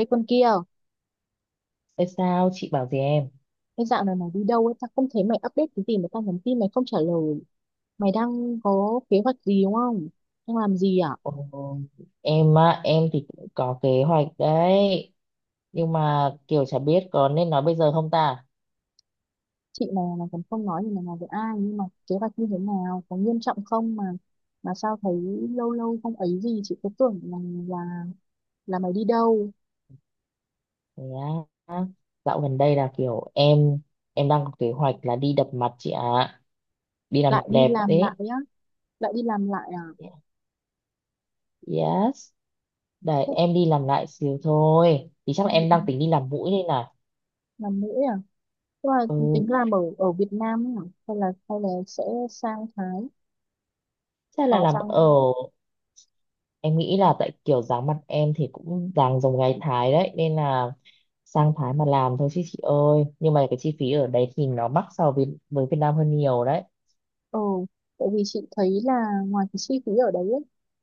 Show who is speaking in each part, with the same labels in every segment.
Speaker 1: Ê con kia,
Speaker 2: Ê, sao chị bảo gì em?
Speaker 1: cái dạo này mày đi đâu ấy, tao không thấy mày update cái gì mà tao nhắn tin mày không trả lời. Mày đang có kế hoạch gì đúng không? Đang làm gì à?
Speaker 2: Ồ, em á, em thì cũng có kế hoạch đấy. Nhưng mà kiểu chả biết có nên nói bây giờ không ta?
Speaker 1: Chị mày là còn không nói gì mày nói với ai, nhưng mà kế hoạch như thế nào, có nghiêm trọng không mà sao thấy lâu lâu không ấy gì, chị cứ tưởng là là là mày đi đâu,
Speaker 2: Thế á, dạo gần đây là kiểu em đang có kế hoạch là đi đập mặt chị ạ. Đi làm
Speaker 1: lại đi
Speaker 2: đẹp
Speaker 1: làm lại
Speaker 2: đấy.
Speaker 1: á, lại đi làm lại à?
Speaker 2: Yes. Đấy,
Speaker 1: Thế,
Speaker 2: em đi làm lại xíu thôi. Thì chắc là em đang tính đi làm mũi đây này.
Speaker 1: làm nữa à? Tức là
Speaker 2: Ừ,
Speaker 1: tính làm ở ở Việt Nam ấy à? Hay là sẽ sang Thái,
Speaker 2: chắc là
Speaker 1: có
Speaker 2: làm
Speaker 1: sang.
Speaker 2: ở em nghĩ là tại kiểu dáng mặt em thì cũng dáng giống gái Thái đấy, nên là sang Thái mà làm thôi chứ chị ơi. Nhưng mà cái chi phí ở đấy thì nó mắc so với Việt Nam hơn nhiều đấy.
Speaker 1: Ừ, tại vì chị thấy là ngoài cái chi phí ở đấy ấy,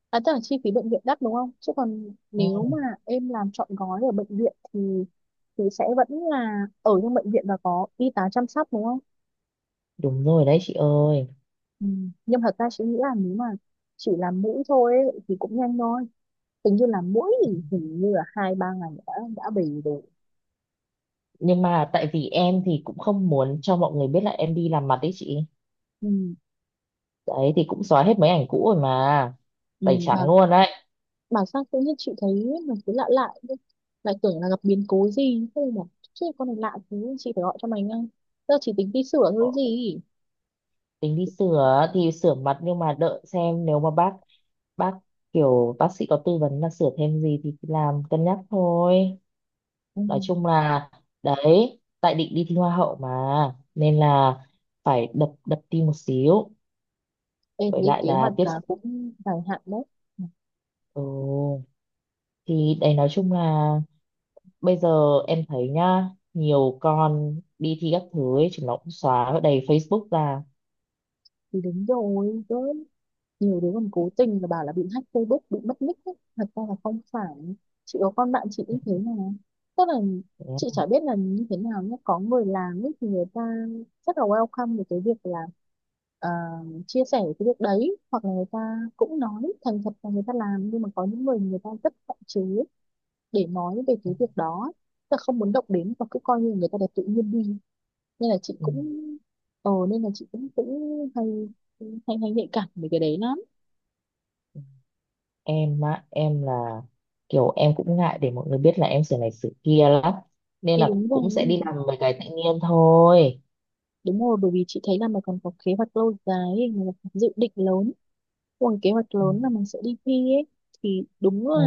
Speaker 1: à tức là chi phí bệnh viện đắt đúng không? Chứ còn
Speaker 2: Ừ,
Speaker 1: nếu mà em làm trọn gói ở bệnh viện thì sẽ vẫn là ở trong bệnh viện và có y tá chăm sóc đúng không?
Speaker 2: đúng rồi đấy chị ơi.
Speaker 1: Ừ. Nhưng thật ra chị nghĩ là nếu mà chỉ làm mũi thôi ấy, thì cũng nhanh thôi. Tính như là mũi thì hình như là hai ba ngày đã về rồi.
Speaker 2: Nhưng mà tại vì em thì cũng không muốn cho mọi người biết là em đi làm mặt đấy chị,
Speaker 1: Ừ.
Speaker 2: đấy thì cũng xóa hết mấy ảnh cũ rồi mà,
Speaker 1: Ừ.
Speaker 2: tẩy trắng luôn đấy.
Speaker 1: Bảo sao tự nhiên chị thấy mình cứ lạ lạ thế? Lại tưởng là gặp biến cố gì, thế là bảo chứ con này lạ thế chị phải gọi cho mày ngay, giờ chỉ tính đi sửa
Speaker 2: Ờ,
Speaker 1: thôi gì.
Speaker 2: tính đi sửa thì sửa mặt nhưng mà đợi xem nếu mà bác kiểu bác sĩ có tư vấn là sửa thêm gì thì làm, cân nhắc thôi.
Speaker 1: Ừ,
Speaker 2: Nói chung là đấy, tại định đi thi hoa hậu mà, nên là phải đập đập tim một xíu,
Speaker 1: em
Speaker 2: với
Speaker 1: thấy
Speaker 2: lại
Speaker 1: kế
Speaker 2: là
Speaker 1: hoạch
Speaker 2: tiếp
Speaker 1: cả
Speaker 2: xúc.
Speaker 1: cũng dài hạn đấy.
Speaker 2: Ừ. Thì đấy nói chung là bây giờ em thấy nhá, nhiều con đi thi các thứ ấy chúng nó cũng xóa ở đầy Facebook ra.
Speaker 1: Thì đúng rồi cơ, nhiều đứa còn cố tình là bảo là bị hack Facebook bị mất nick ấy. Thật ra là không phải. Chị có con bạn chị cũng thế mà, tức là chị chả biết là như thế nào nhé, có người làm ấy thì người ta rất là welcome về cái việc là, ờ, chia sẻ cái việc đấy, hoặc là người ta cũng nói thành thật là người ta làm, nhưng mà có những người người ta rất hạn chế để nói về cái việc đó, tức là không muốn động đến và cứ coi như người ta đẹp tự nhiên đi. Nên là chị
Speaker 2: Ừ.
Speaker 1: cũng, ờ nên là chị cũng cũng hay hay hay nhạy cảm về cái đấy lắm.
Speaker 2: Em á, em là kiểu em cũng ngại để mọi người biết là em sửa này sửa kia lắm, nên
Speaker 1: Thì
Speaker 2: là
Speaker 1: đúng rồi,
Speaker 2: cũng sẽ đi làm mấy cái tự nhiên thôi.
Speaker 1: đúng rồi, bởi vì chị thấy là mày còn có kế hoạch lâu dài ấy, mày có dự định lớn, còn kế hoạch
Speaker 2: Ừ.
Speaker 1: lớn là mình sẽ đi thi ấy, thì đúng là
Speaker 2: Ừ.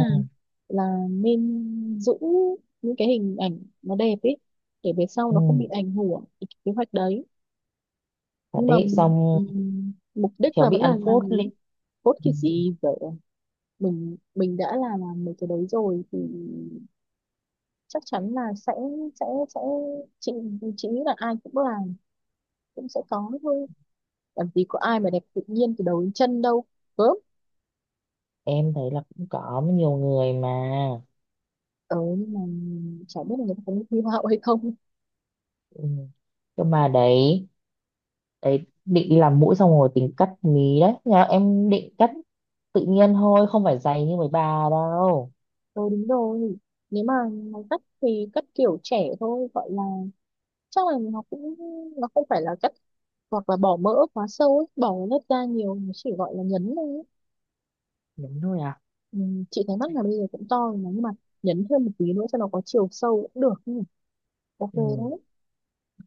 Speaker 1: nên giữ những cái hình ảnh nó đẹp ấy để về sau nó không
Speaker 2: Ừ.
Speaker 1: bị ảnh hưởng đến cái kế hoạch đấy.
Speaker 2: Thật
Speaker 1: Nhưng mà
Speaker 2: đấy, xong
Speaker 1: mục đích
Speaker 2: khéo
Speaker 1: là
Speaker 2: bị
Speaker 1: vẫn là
Speaker 2: ăn phốt
Speaker 1: làm đúng
Speaker 2: lên.
Speaker 1: cốt
Speaker 2: Ừ.
Speaker 1: cái gì vậy. Mình đã là làm mấy cái đấy rồi thì chắc chắn là sẽ. Sẽ sẽ chị chị nghĩ là ai cũng làm cũng sẽ có thôi, làm gì có ai mà đẹp tự nhiên từ đầu đến chân đâu, gớm.
Speaker 2: Em thấy là cũng có nhiều người mà.
Speaker 1: Ờ, nhưng mà chả biết là người ta có thi hoa hậu hay không.
Speaker 2: Ừ. Nhưng mà đấy, định đi làm mũi xong rồi tính cắt mí đấy, nhà em định cắt tự nhiên thôi, không phải dày như mấy bà đâu.
Speaker 1: Ờ, đúng rồi, nếu mà nó cắt thì cắt kiểu trẻ thôi gọi là, chắc là nó cũng, nó không phải là cắt hoặc là bỏ mỡ quá sâu ấy bỏ lớp da nhiều, nó chỉ gọi là nhấn thôi ấy.
Speaker 2: Đúng thôi à.
Speaker 1: Ừ, chị thấy mắt là bây giờ cũng to rồi mà, nhưng mà nhấn thêm một tí nữa cho nó có chiều sâu cũng được nhỉ. Ok
Speaker 2: Ừ.
Speaker 1: đấy.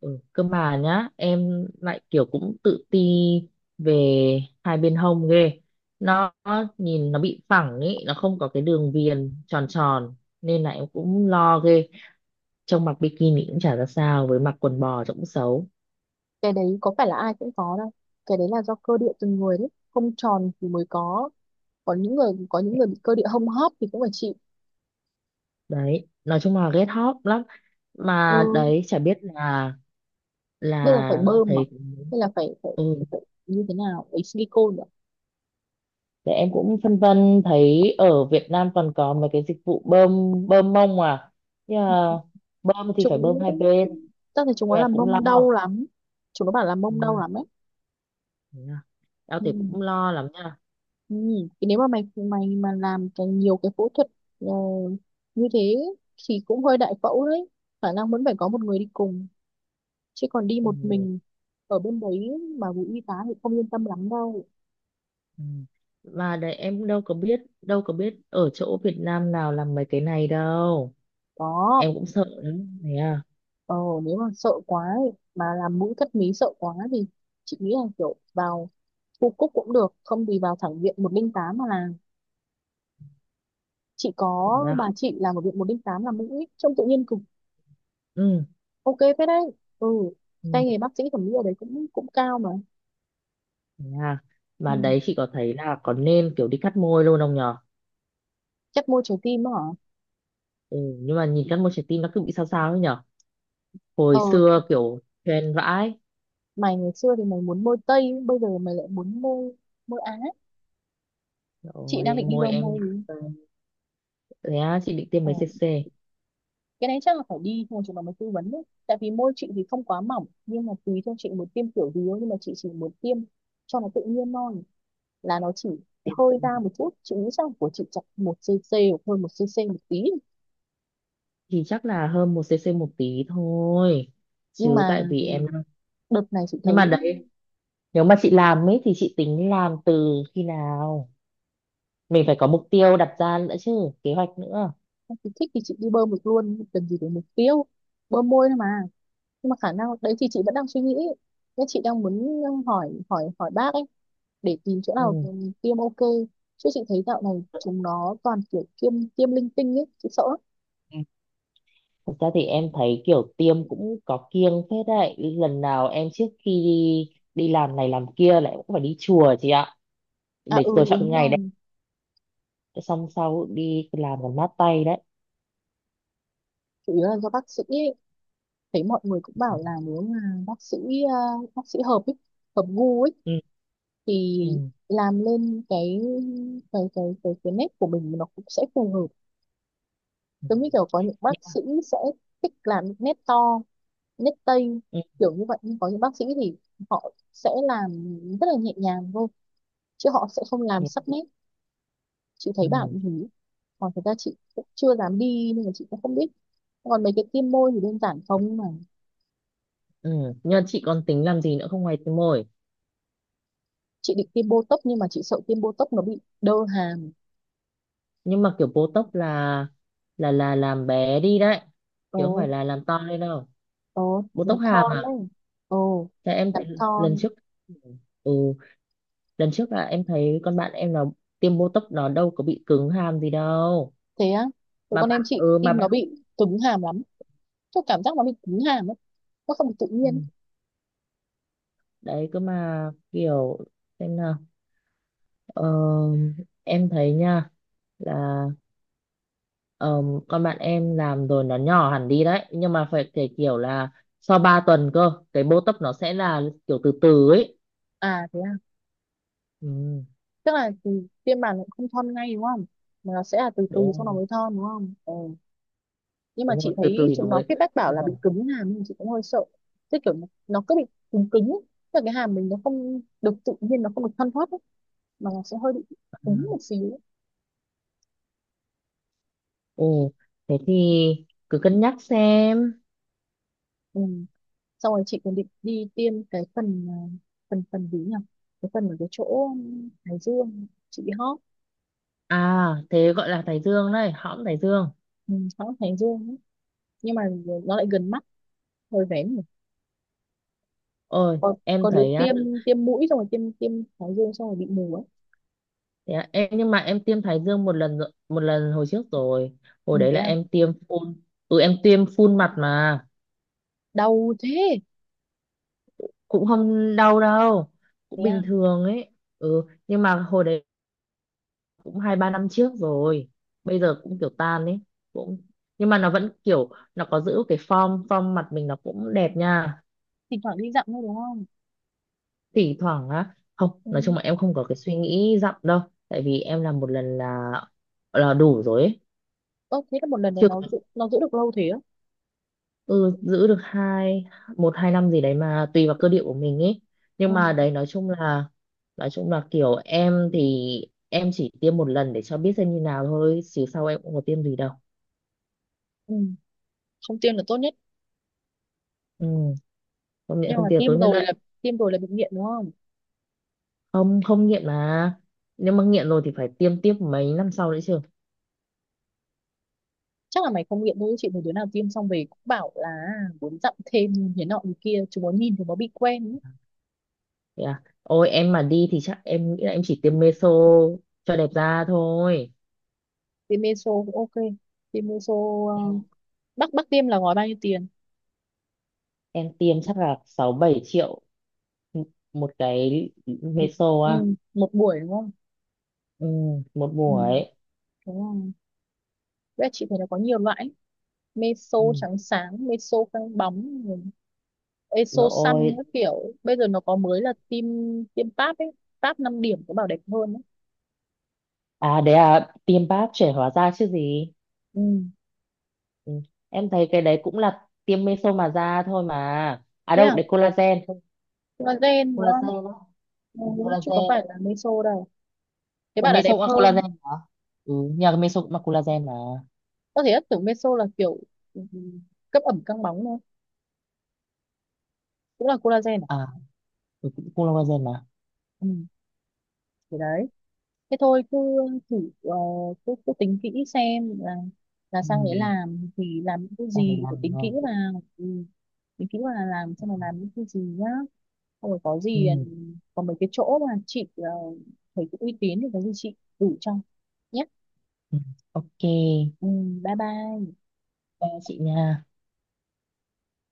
Speaker 2: Ừ. Cơ mà nhá, em lại kiểu cũng tự ti về hai bên hông ghê, nó nhìn nó bị phẳng ý, nó không có cái đường viền tròn tròn, nên là em cũng lo ghê, trông mặc bikini cũng chả ra sao, với mặc quần bò trông cũng xấu
Speaker 1: Cái đấy có phải là ai cũng có đâu, cái đấy là do cơ địa từng người đấy, không tròn thì mới có những người, bị cơ địa hông hấp thì cũng phải chịu.
Speaker 2: đấy. Nói chung là ghét hot lắm,
Speaker 1: Ừ,
Speaker 2: mà đấy chả biết là
Speaker 1: bây giờ phải bơm mà,
Speaker 2: thấy.
Speaker 1: hay là phải phải,
Speaker 2: Ừ.
Speaker 1: phải, phải như thế nào ấy silicone nữa.
Speaker 2: Để em cũng phân vân, thấy ở Việt Nam còn có mấy cái dịch vụ bơm bơm mông à, nhưng mà bơm thì phải
Speaker 1: Chúng
Speaker 2: bơm hai bên,
Speaker 1: tao thấy chúng nó
Speaker 2: nhưng mà
Speaker 1: làm
Speaker 2: cũng lo.
Speaker 1: mông đau lắm, chúng nó bảo là mông đau
Speaker 2: Ừ.
Speaker 1: lắm ấy.
Speaker 2: Thế à. Tao
Speaker 1: Ừ.
Speaker 2: thì cũng lo lắm nha.
Speaker 1: Ừ. Thì nếu mà mày mày mà làm cái nhiều cái phẫu thuật, ờ, như thế thì cũng hơi đại phẫu đấy, khả năng vẫn phải có một người đi cùng, chứ còn đi
Speaker 2: Ừ.
Speaker 1: một mình ở bên đấy mà bị y tá thì không yên tâm lắm đâu.
Speaker 2: Ừ. Mà đấy em đâu có biết, ở chỗ Việt Nam nào làm mấy cái này đâu,
Speaker 1: Đó.
Speaker 2: em cũng sợ lắm. Thế à,
Speaker 1: Ờ, nếu mà sợ quá ấy, mà làm mũi cất mí sợ quá thì chị nghĩ là kiểu vào khu Cúc cũng được, không thì vào thẳng viện 108 mà làm. Chị
Speaker 2: thế
Speaker 1: có bà
Speaker 2: à?
Speaker 1: chị làm ở viện 108 làm mũi ấy, trông tự nhiên cực.
Speaker 2: Ừ,
Speaker 1: Ok phết đấy. Ừ,
Speaker 2: ừ,
Speaker 1: tay nghề bác sĩ thẩm mỹ ở đấy cũng cũng cao mà.
Speaker 2: yeah.
Speaker 1: Ừ.
Speaker 2: Mà đấy chị có thấy là có nên kiểu đi cắt môi luôn không nhở.
Speaker 1: Chắc môi trái tim á hả.
Speaker 2: Ừ, nhưng mà nhìn cắt môi trái tim nó cứ bị sao sao ấy nhở, hồi
Speaker 1: Ờ,
Speaker 2: xưa kiểu trend vãi
Speaker 1: mày ngày xưa thì mày muốn môi Tây, bây giờ mày lại muốn môi môi Á. Chị đang
Speaker 2: rồi
Speaker 1: định đi
Speaker 2: môi
Speaker 1: đâu
Speaker 2: em.
Speaker 1: môi.
Speaker 2: Thế á, chị định tiêm
Speaker 1: Ờ.
Speaker 2: mấy cc.
Speaker 1: Cái đấy chắc là phải đi thôi chúng nó mới tư vấn đấy, tại vì môi chị thì không quá mỏng, nhưng mà tùy theo chị muốn tiêm kiểu gì thôi, nhưng mà chị chỉ muốn tiêm cho nó tự nhiên thôi, là nó chỉ
Speaker 2: Tiêm
Speaker 1: hơi ra một chút. Chị nghĩ chắc của chị chặt 1 cc hoặc hơn 1 cc một tí.
Speaker 2: thì chắc là hơn 1cc một tí thôi,
Speaker 1: Nhưng
Speaker 2: chứ tại
Speaker 1: mà
Speaker 2: vì em.
Speaker 1: đợt này chị thấy,
Speaker 2: Nhưng mà đấy, nếu mà chị làm ấy thì chị tính làm từ khi nào, mình phải có mục tiêu đặt ra nữa chứ, kế hoạch nữa.
Speaker 1: chị thích thì chị đi bơm được luôn, cần gì để mục tiêu, bơm môi thôi mà. Nhưng mà khả năng đấy thì chị vẫn đang suy nghĩ, nên chị đang muốn hỏi hỏi hỏi bác ấy để tìm chỗ nào
Speaker 2: Ừ.
Speaker 1: thì mình tiêm ok. Chứ chị thấy dạo này chúng nó toàn kiểu tiêm tiêm linh tinh ấy, chị sợ lắm.
Speaker 2: Thật ra thì em thấy kiểu tiêm cũng có kiêng phết đấy. Lần nào em trước khi đi đi làm này làm kia lại cũng phải đi chùa chị ạ.
Speaker 1: À, ừ,
Speaker 2: Để tôi
Speaker 1: đúng
Speaker 2: chọn ngày đấy.
Speaker 1: rồi,
Speaker 2: Xong sau đi làm còn mát tay đấy.
Speaker 1: chủ yếu là do bác sĩ ấy. Thấy mọi người cũng bảo là nếu mà bác sĩ, à, bác sĩ hợp ấy, hợp gu ấy,
Speaker 2: Ừ.
Speaker 1: thì
Speaker 2: Ừ.
Speaker 1: làm lên cái nét của mình nó cũng sẽ phù hợp.
Speaker 2: Ừ.
Speaker 1: Giống như kiểu có những bác sĩ sẽ thích làm những nét to, nét Tây
Speaker 2: Ừ.
Speaker 1: kiểu như vậy, nhưng có những bác sĩ thì họ sẽ làm rất là nhẹ nhàng thôi chứ họ sẽ không
Speaker 2: Ừ.
Speaker 1: làm sắc nét. Chị thấy bảo
Speaker 2: Ừ.
Speaker 1: như thế. Còn thực ra chị cũng chưa dám đi nên là chị cũng không biết, còn mấy cái tiêm môi thì đơn giản không mà.
Speaker 2: Ừ. Nhưng mà chị còn tính làm gì nữa không, ngoài tiêm môi?
Speaker 1: Chị định tiêm botox nhưng mà chị sợ tiêm botox nó bị đơ hàm.
Speaker 2: Nhưng mà kiểu Botox là làm bé đi đấy.
Speaker 1: Ồ.
Speaker 2: Chứ không phải là làm to lên đâu.
Speaker 1: Ồ, làm
Speaker 2: Botox hàm
Speaker 1: thon
Speaker 2: à?
Speaker 1: đấy. Ồ,
Speaker 2: Thế em
Speaker 1: làm
Speaker 2: thấy lần
Speaker 1: thon.
Speaker 2: trước. Ừ, lần trước là em thấy con bạn em nó tiêm botox nó đâu có bị cứng hàm gì đâu.
Speaker 1: Thế á. Thế
Speaker 2: Mà
Speaker 1: con
Speaker 2: bạn,
Speaker 1: em chị
Speaker 2: ừ, mà
Speaker 1: tim nó
Speaker 2: bạn.
Speaker 1: bị cứng hàm lắm, tôi cảm giác nó bị cứng hàm ấy, nó không được tự
Speaker 2: Ừ.
Speaker 1: nhiên.
Speaker 2: Đấy cơ mà kiểu xem nào, ờ, em thấy nha là, ờ, con bạn em làm rồi nó nhỏ hẳn đi đấy, nhưng mà phải kể kiểu là sau 3 tuần cơ, cái botox nó sẽ là kiểu từ từ ấy.
Speaker 1: À, thế à,
Speaker 2: Ừ,
Speaker 1: tức là thì tiêm bàn cũng không thon ngay đúng không, mà nó sẽ là từ từ
Speaker 2: đúng
Speaker 1: sau nó
Speaker 2: rồi,
Speaker 1: mới thon đúng không. Ờ. Nhưng mà
Speaker 2: đúng rồi,
Speaker 1: chị
Speaker 2: từ từ
Speaker 1: thấy
Speaker 2: thì nó
Speaker 1: chúng nó
Speaker 2: mới.
Speaker 1: feedback bảo là bị
Speaker 2: Sau.
Speaker 1: cứng hàm nhưng chị cũng hơi sợ, tức kiểu nó cứ bị cứng cứng ấy. Tức là cái hàm mình nó không được tự nhiên, nó không được thoăn thoắt ấy, mà nó sẽ hơi bị cứng một xíu ấy.
Speaker 2: Ồ, thế thì cứ cân nhắc xem.
Speaker 1: Ừ. Xong rồi chị còn định đi tiêm cái phần, à, phần phần gì nhỉ, cái phần ở cái chỗ Hải Dương chị bị hót.
Speaker 2: À thế gọi là thái dương đấy, hõm thái dương.
Speaker 1: Ừ, hót Hải Dương ấy. Nhưng mà nó lại gần mắt hơi vén nhỉ.
Speaker 2: Ôi,
Speaker 1: Có
Speaker 2: em
Speaker 1: đứa
Speaker 2: thấy á,
Speaker 1: tiêm, tiêm mũi xong rồi tiêm tiêm Hải Dương xong rồi bị mù ấy.
Speaker 2: thế á, nhưng mà em tiêm thái dương một lần rồi, một lần hồi trước rồi.
Speaker 1: Ừ,
Speaker 2: Hồi đấy
Speaker 1: thế
Speaker 2: là
Speaker 1: à.
Speaker 2: em tiêm phun. Ừ, em tiêm phun mặt mà
Speaker 1: Đau thế.
Speaker 2: cũng không đau đâu,
Speaker 1: Thế
Speaker 2: cũng
Speaker 1: à.
Speaker 2: bình thường ấy. Ừ, nhưng mà hồi đấy cũng 2-3 năm trước rồi. Bây giờ cũng kiểu tan ấy, cũng nhưng mà nó vẫn kiểu nó có giữ cái form form mặt mình nó cũng đẹp nha.
Speaker 1: Thỉnh thoảng đi dặm thôi đúng không.
Speaker 2: Thỉnh thoảng á, không,
Speaker 1: Ừ.
Speaker 2: nói chung là em không có cái suy nghĩ dặm đâu, tại vì em làm một lần là đủ rồi ấy.
Speaker 1: Ơ thế là một lần nó
Speaker 2: Chưa
Speaker 1: nó
Speaker 2: có.
Speaker 1: giữ, nó giữ được lâu thế á.
Speaker 2: Ừ, giữ được 1-2 năm gì đấy, mà tùy vào cơ địa của mình ấy. Nhưng mà
Speaker 1: Ừ.
Speaker 2: đấy nói chung là kiểu em thì em chỉ tiêm một lần để cho biết xem như nào thôi, chứ sau em cũng có tiêm gì đâu.
Speaker 1: Ừ, không tiêm là tốt nhất.
Speaker 2: Ừ, không nghiện
Speaker 1: Nhưng mà
Speaker 2: không tiêm tối
Speaker 1: tiêm
Speaker 2: nhất
Speaker 1: rồi
Speaker 2: đấy.
Speaker 1: là, bị nghiện đúng không?
Speaker 2: Không, không nghiện mà, nếu mà nghiện rồi thì phải tiêm tiếp mấy năm sau đấy chứ.
Speaker 1: Chắc là mày không nghiện thôi, chị thấy đứa nào tiêm xong về cũng bảo là muốn dặm thêm, nhìn thế nọ như kia chúng nó nhìn chúng nó bị quen ấy.
Speaker 2: Thế à? Ôi em mà đi thì chắc em nghĩ là em chỉ tiêm meso cho đẹp da thôi.
Speaker 1: Tiêm meso cũng ok. tiêm meso ờ,
Speaker 2: Em
Speaker 1: bác bác tiêm là gói bao nhiêu tiền.
Speaker 2: em tiêm chắc là 6-7 triệu một cái
Speaker 1: Ừ.
Speaker 2: meso
Speaker 1: Ừ,
Speaker 2: à.
Speaker 1: một buổi đúng không.
Speaker 2: Ừ, một
Speaker 1: Ừ.
Speaker 2: buổi.
Speaker 1: Đúng rồi. Với lại chị thấy nó có nhiều loại ấy, meso
Speaker 2: Ừ.
Speaker 1: trắng sáng, meso căng bóng, eso so
Speaker 2: Rồi.
Speaker 1: các kiểu. Bây giờ nó có mới là tiêm Pap ấy, Pap 5 điểm có bảo đẹp hơn ấy.
Speaker 2: À đấy, à tiêm báp trẻ hóa da chứ gì.
Speaker 1: Ừ.
Speaker 2: Ừ. Em thấy cái đấy cũng là tiêm meso mà da thôi mà. À
Speaker 1: Thế
Speaker 2: đâu,
Speaker 1: à,
Speaker 2: đấy collagen, không,
Speaker 1: nó gen đúng không.
Speaker 2: collagen đó.
Speaker 1: Ừ.
Speaker 2: Ừ,
Speaker 1: Chứ có phải
Speaker 2: collagen.
Speaker 1: là meso đâu, thế
Speaker 2: Ủa,
Speaker 1: bảo là
Speaker 2: meso
Speaker 1: đẹp
Speaker 2: cũng là
Speaker 1: hơn.
Speaker 2: collagen hả? Ừ, nhà cái meso cũng là collagen mà.
Speaker 1: Có thể ất tưởng meso là kiểu, ừ, cấp ẩm căng bóng thôi, cũng là collagen à.
Speaker 2: À, ừ, cũng collagen mà.
Speaker 1: Ừ. Thế đấy, thế thôi cứ thử. Cứ tính kỹ xem là sang đấy
Speaker 2: Ừ.
Speaker 1: làm thì làm những cái
Speaker 2: Đây
Speaker 1: gì, phải
Speaker 2: làm
Speaker 1: tính kỹ
Speaker 2: rồi.
Speaker 1: vào. Ừ. Tính kỹ vào là làm xem là làm những cái gì nhá. Ôi, có gì,
Speaker 2: Ừ.
Speaker 1: có mấy cái chỗ mà chị, thấy cũng uy tín thì có gì chị đủ cho nhé.
Speaker 2: Ừ. Ok,
Speaker 1: Ừ, bye bye.
Speaker 2: ba chị nha.